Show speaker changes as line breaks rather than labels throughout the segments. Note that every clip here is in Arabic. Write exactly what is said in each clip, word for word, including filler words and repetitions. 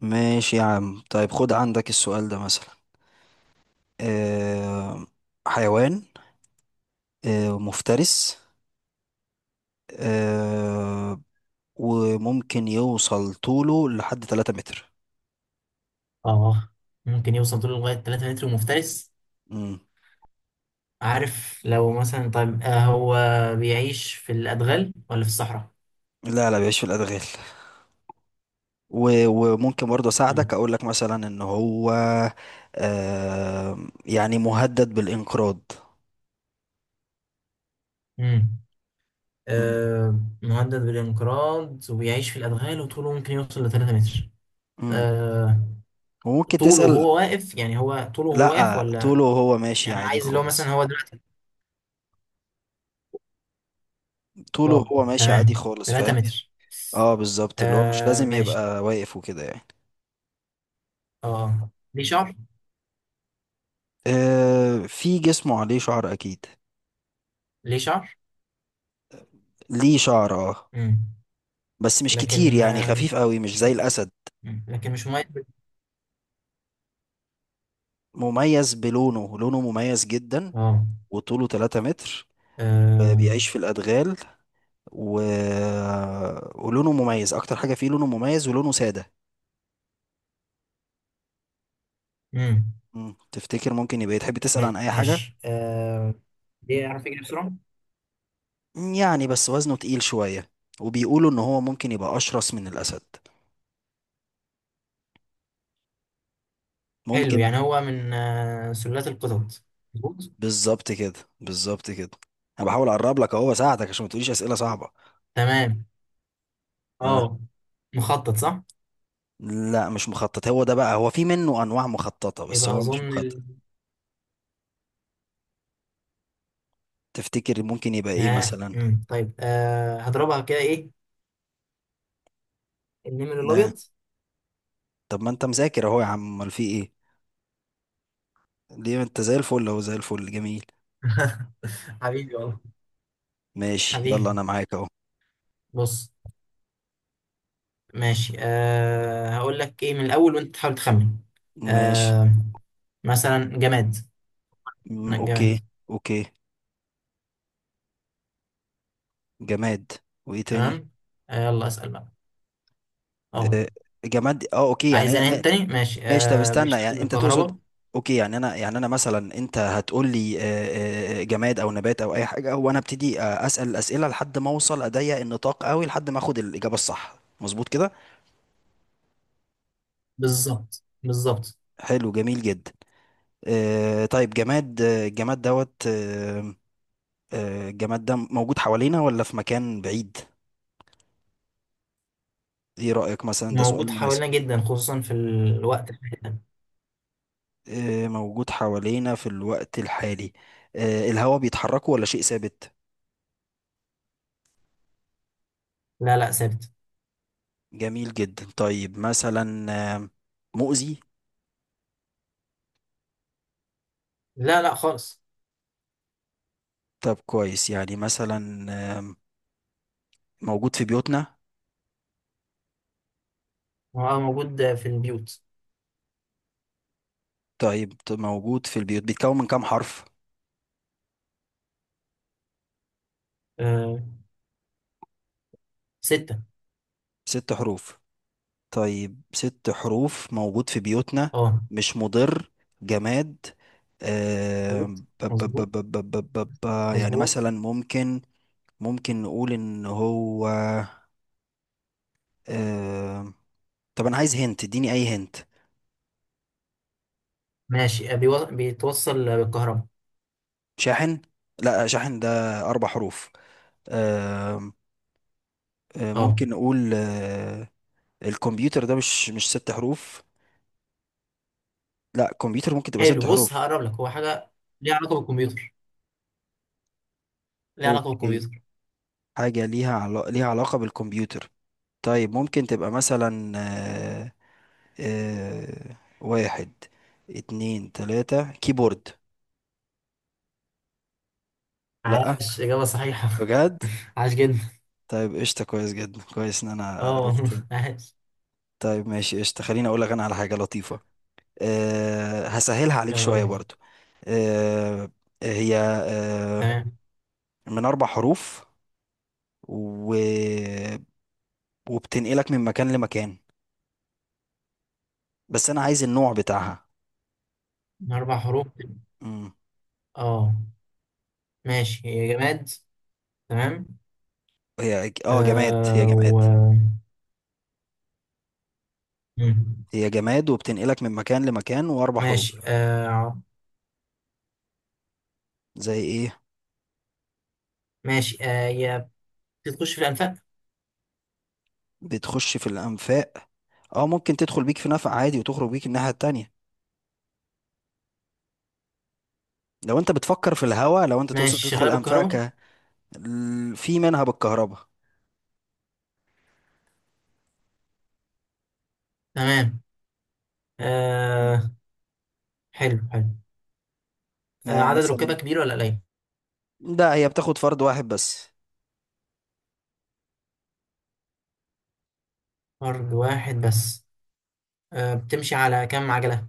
ماشي يا عم، طيب خد عندك السؤال ده مثلا. آه. حيوان. آه مفترس. آه. وممكن يوصل طوله لحد 3 متر.
اه، ممكن يوصل طوله لغاية تلات متر ومفترس.
مم.
عارف؟ لو مثلا طيب، آه هو بيعيش في الأدغال ولا في الصحراء؟
لا لا بيعيش في الأدغال. و- وممكن برضه
مم.
أساعدك أقول لك مثلا إن هو آه يعني مهدد بالانقراض.
امم
مم.
آه، مهدد بالانقراض وبيعيش في الأدغال وطوله ممكن يوصل ل ثلاثة متر.
مم.
آه،
وممكن
طوله
تسأل.
وهو واقف؟ يعني هو طوله وهو واقف
لا
ولا؟
طوله وهو ماشي
يعني
عادي
عايز اللي هو مثلا
خالص.
هو دلوقتي.
طوله
اه
وهو ماشي عادي
تمام،
خالص،
تلات
فاهم.
متر.
اه بالظبط، اللي هو مش
آه
لازم
ماشي.
يبقى واقف وكده يعني.
اه، ليه شعر؟
آه في جسمه عليه شعر اكيد.
ليه شعر؟
ليه شعر اه.
امم
بس مش كتير،
لكن
يعني
آه،
خفيف قوي مش زي الاسد.
لكن مش مميز.
مميز بلونه، لونه مميز جدا.
اه.
وطوله 3 متر. آه،
آه.
بيعيش في الادغال و... ولونه مميز، اكتر حاجة فيه لونه مميز ولونه سادة.
امم
مم. تفتكر ممكن يبقى إيه؟ تحب تسأل عن اي حاجة؟
ماشي، آه بيعرف يجري بسرعة؟
يعني بس وزنه تقيل شوية، وبيقولوا ان هو ممكن يبقى اشرس من الاسد.
حلو.
ممكن.
يعني هو من آه سلالات القطط؟ مظبوط.
بالظبط كده. بالظبط كده. انا بحاول اقرب لك اهو، بساعدك عشان ما تقوليش اسئله صعبه.
تمام.
ها.
اه، مخطط صح؟
لا مش مخطط، هو ده بقى هو في منه انواع مخططه بس
يبقى
هو مش
اظن
مخطط.
ال،
تفتكر ممكن يبقى ايه
اه،
مثلا؟
امم طيب، آه هضربها كده. ايه، النمر
ها.
الابيض.
طب ما انت مذاكر اهو يا عم، امال في ايه؟ ليه انت زي الفل اهو، زي الفل جميل.
حبيبي والله.
ماشي يلا
حبيبي.
انا معاك اهو.
بص، ماشي، آه هقول لك ايه من الاول وانت تحاول تخمن.
ماشي.
آه، مثلا جماد.
أمم،
أنا
اوكي.
جماد.
اوكي. جماد. وايه تاني؟
تمام. آه، يلا اسأل بقى. اه،
آه، جماد اه اوكي
عايز
يعني.
انام تاني، ماشي.
ماشي طب
آه
استنى
بيشتغل
يعني انت تقصد.
بالكهرباء.
اوكي يعني انا، يعني انا مثلا انت هتقول لي آه، آه، جماد او نبات او اي حاجه، وانا ابتدي آه، اسال الاسئله لحد ما اوصل اضيق النطاق قوي لحد ما اخد الاجابه الصح، مظبوط كده.
بالظبط، بالظبط.
حلو جميل جدا. آه، طيب جماد، آه، الجماد دوت آه، آه، الجماد ده موجود حوالينا ولا في مكان بعيد؟ ايه رايك، مثلا ده
موجود
سؤال مناسب؟
حوالينا جدا، خصوصا في الوقت الحالي ده.
آه، موجود حوالينا في الوقت الحالي. آه، الهواء بيتحركه ولا شيء ثابت؟
لا لا، ثابت.
جميل جدا. طيب مثلا آم، مؤذي؟
لا لا خالص.
طب كويس، يعني مثلا آم، موجود في بيوتنا؟
هو موجود في البيوت.
طيب ت- موجود في البيوت، بيتكون من كام حرف؟
آه، ستة.
ست حروف. طيب ست حروف، موجود في بيوتنا،
اه.
مش مضر، جماد.
مظبوط،
آم، ب- ب-
مظبوط،
ب- ب- ب- ب- ب- ب- يعني
مظبوط.
مثلا ممكن. ممكن نقول ان هو آم، طب انا عايز هنت، اديني اي هنت.
ماشي، آه، بيو- بيتوصل بالكهرباء.
شاحن. لا شاحن ده اربع حروف. آم، آه،
اه.
ممكن نقول آه، الكمبيوتر ده مش مش ست حروف. لا كمبيوتر ممكن تبقى
حلو،
ست
بص،
حروف
هقرب لك، هو حاجة ليها علاقة بالكمبيوتر. ليها علاقة
اوكي.
بالكمبيوتر.
حاجة ليها علا... ليها علاقة بالكمبيوتر. طيب ممكن تبقى مثلا آه، آه، واحد اتنين تلاتة، كيبورد. لا.
عاش، إجابة صحيحة.
بجد.
عاش جدا.
طيب قشطة، كويس جدا كويس ان انا
اه
عرفت.
والله عاش.
طيب ماشي قشطة، خليني اقول لك انا على حاجة لطيفة. أه هسهلها عليك
يلا
شوية
قول.
برضو. أه هي أه
تمام،
من اربع حروف و... وبتنقلك من مكان لمكان، بس انا عايز النوع بتاعها.
من أربع حروف.
امم.
اه ماشي، هي جماد. تمام.
هي اه جماد، هي
آه،
جماد.
و، مم.
هي جماد وبتنقلك من مكان لمكان، واربع حروف.
ماشي آه.
زي ايه؟
ماشي، آه هي بتخش في الأنفاق.
بتخش في الانفاق. اه ممكن تدخل بيك في نفق عادي وتخرج بيك الناحية التانية، لو انت بتفكر في الهوا، لو انت تقصد
ماشي،
تدخل
شغالة بالكهرباء.
انفاقك. ال- في منها بالكهرباء.
تمام.
مم.
آه. حلو، حلو. آه،
آه
عدد ركابها
مثلا.
كبير ولا قليل؟
لا هي بتاخد فرد واحد بس.
فرد واحد بس. آه، بتمشي على كام عجلة؟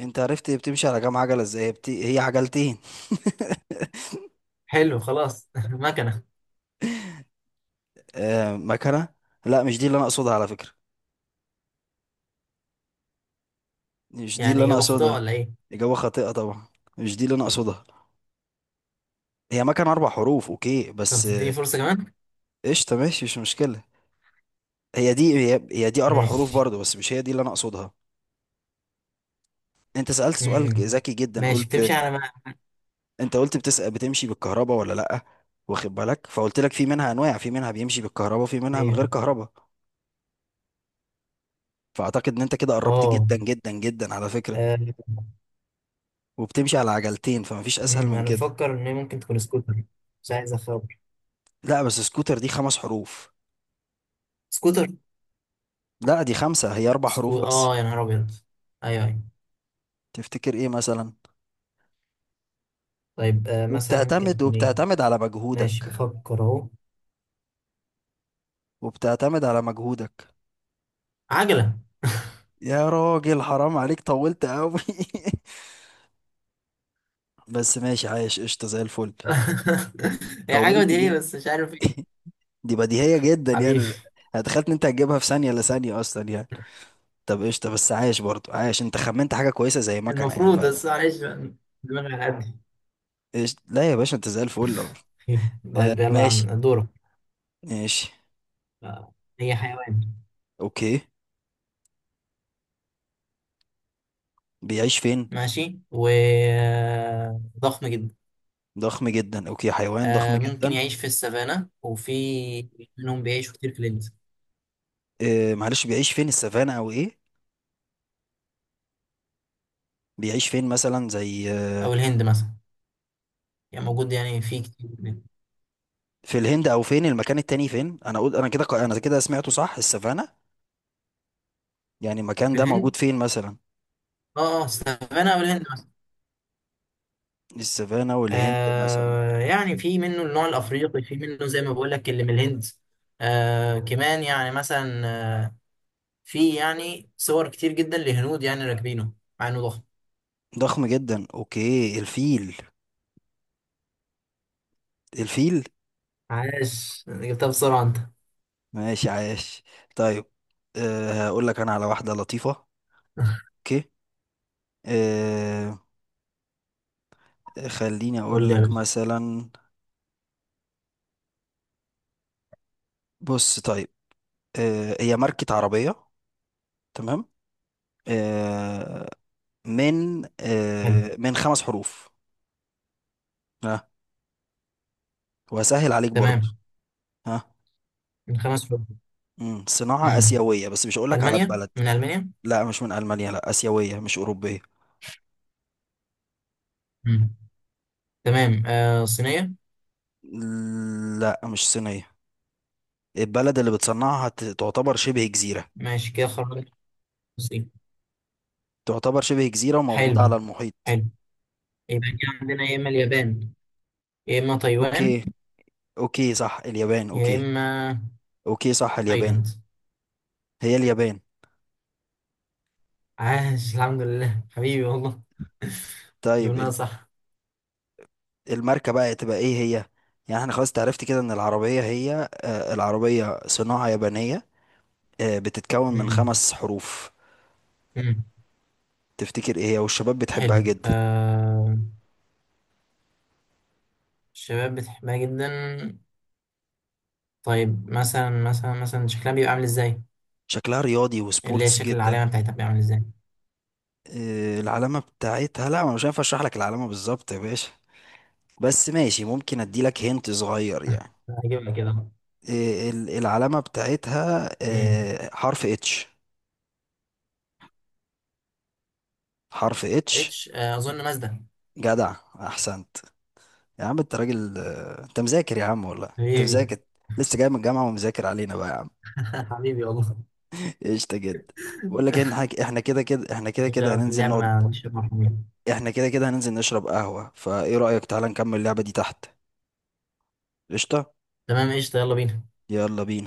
انت عرفت بتمشي على كام عجلة ازاي، بت... هي عجلتين.
حلو خلاص مكنة.
آه مكنة. لا مش دي اللي انا اقصدها على فكرة. مش دي اللي
يعني
انا
إجابة خاطئة
اقصدها.
ولا إيه؟
إجابة خاطئة طبعا. مش دي اللي انا اقصدها. هي مكنة اربع حروف اوكي،
طب
بس
تديني
آه،
فرصة كمان؟
قشطة ماشي مش مشكلة. هي دي هي, هي دي اربع حروف
ماشي.
برضو، بس مش هي دي اللي انا اقصدها. انت سألت سؤال
مم.
ذكي جدا،
ماشي،
قلت،
بتمشي على ما،
انت قلت بتسأل بتمشي بالكهرباء ولا لا. واخد بالك، فقلت لك في منها انواع، في منها بيمشي بالكهرباء في منها من
أيوه.
غير كهرباء. فاعتقد ان انت كده قربت
أه.
جدا جدا جدا على فكرة.
آه.
وبتمشي على عجلتين، فمفيش اسهل
مم،
من
أنا
كده.
بفكر إن هي ممكن تكون سكوتر. مش عايز أخاف.
لا بس سكوتر دي خمس حروف.
سكوتر.
لا دي خمسة، هي أربع حروف
سكو،
بس.
اه يا نهار ابيض. ايوه، ايوه.
تفتكر إيه مثلا؟
طيب، آه مثلا ممكن
وبتعتمد
تكون ايه.
وبتعتمد على
ماشي
مجهودك.
بفكر اهو.
وبتعتمد على مجهودك.
عجلة.
يا راجل حرام عليك، طولت قوي. بس ماشي عايش قشطة زي الفل.
هي حاجة
طولت
بديهية
جدا.
بس مش عارف ايه.
دي بديهية جدا
حبيبي.
يعني. هتخيل إن أنت هتجيبها في ثانية، لا ثانية أصلا يعني. طب قشطة، بس عايش برضو، عايش، أنت خمنت حاجة كويسة زي مكنة يعني
المفروض،
فعلا.
بس معلش بقى، دماغي على قد.
إيش، لا يا باشا أنت زي الفل. آه
طيب يلا يا عم
ماشي.
دورك.
ماشي.
آه، هي حيوان.
أوكي. بيعيش فين؟
ماشي، وضخم جدا.
ضخم جدا، أوكي، حيوان ضخم
آه، ممكن
جدا.
يعيش في السافانا، وفي منهم بيعيشوا كتير في الهند.
آه، معلش بيعيش فين، السافانا او ايه؟ بيعيش فين مثلا زي آه،
او الهند مثلا. يعني موجود، يعني في كتير
في الهند، او فين المكان التاني، فين انا اقول، انا كده ق- انا كده سمعته صح السافانا. يعني المكان
في
ده
الهند.
موجود فين مثلا؟
اه، اه، السافانا او الهند.
السافانا والهند مثلا.
آه، يعني في منه النوع الافريقي، في منه زي ما بقول لك اللي من الهند. آه كمان، يعني مثلا آه، في يعني صور كتير جدا لهنود يعني راكبينه مع انه ضخم.
ضخم جدا، اوكي الفيل. الفيل.
عاش، جبتها بسرعه انت.
ماشي عاش. طيب أه هقول لك انا على واحدة لطيفة. اوكي. أه. خليني
قول
اقول
لي يا
لك
باشا.
مثلا. بص طيب. أه هي ماركة عربية. تمام. آه، من
حلو.
آه، من خمس حروف. ها. وهسهل عليك برضو.
تمام.
ها.
من خمس حروف.
مم. صناعة
امم
آسيوية بس مش هقولك على
المانيا،
البلد.
من المانيا.
لا مش من ألمانيا، لا آسيوية مش أوروبية.
امم تمام. آه صينيه.
لا مش صينية. البلد اللي بتصنعها ت- تعتبر شبه جزيرة.
ماشي كده خرجت، الصين.
تعتبر شبه جزيرة وموجودة على
حلو،
المحيط.
حلو. يبقى كده عندنا يا اما اليابان، يا اما تايوان،
أوكي. أوكي صح اليابان
يا
أوكي.
اما
أوكي صح اليابان.
تايلاند.
هي اليابان.
عاش، الحمد لله، حبيبي والله.
طيب
جبناها
ال-
صح.
الماركة بقى تبقى إيه هي؟ يعني احنا خلاص تعرفت كده إن العربية هي آه، العربية صناعة يابانية. آه، بتتكون من
مم.
خمس حروف.
مم.
تفتكر ايه هي، والشباب بتحبها
حلو.
جدا.
آه، الشباب بتحبها جدا. طيب مثلا، مثلا، مثلا شكلها بيبقى عامل ازاي؟
شكلها رياضي
اللي هي
وسبورتس
الشكل،
جدا.
العلامة بتاعتها بيبقى عامل ازاي؟
آه، العلامة بتاعتها، لا أنا مش هينفع اشرح لك العلامة بالظبط يا باشا. بس ماشي ممكن اديلك هنت صغير يعني.
هجيبها كده.
آه، ال- العلامة بتاعتها
امم
آه، حرف إتش. حرف اتش.
اتش. آه، اظن مازدا.
جدع. احسنت. يا عم انت راجل، آه، انت مذاكر يا عم والله انت
حبيبي.
مذاكر. لسه جاي من الجامعة ومذاكر علينا بقى يا عم.
حبيبي والله.
قشطة جدا. بقول لك إيه، إن حاج- احنا كده كده، احنا
مش
كده كده
في
هننزل
اللعب،
نقعد.
ما مش مرحبين.
احنا كده كده هننزل نشرب قهوة، فايه رأيك تعالى نكمل اللعبة دي تحت. قشطة.
تمام، قشطة، يلا بينا.
يلا بينا.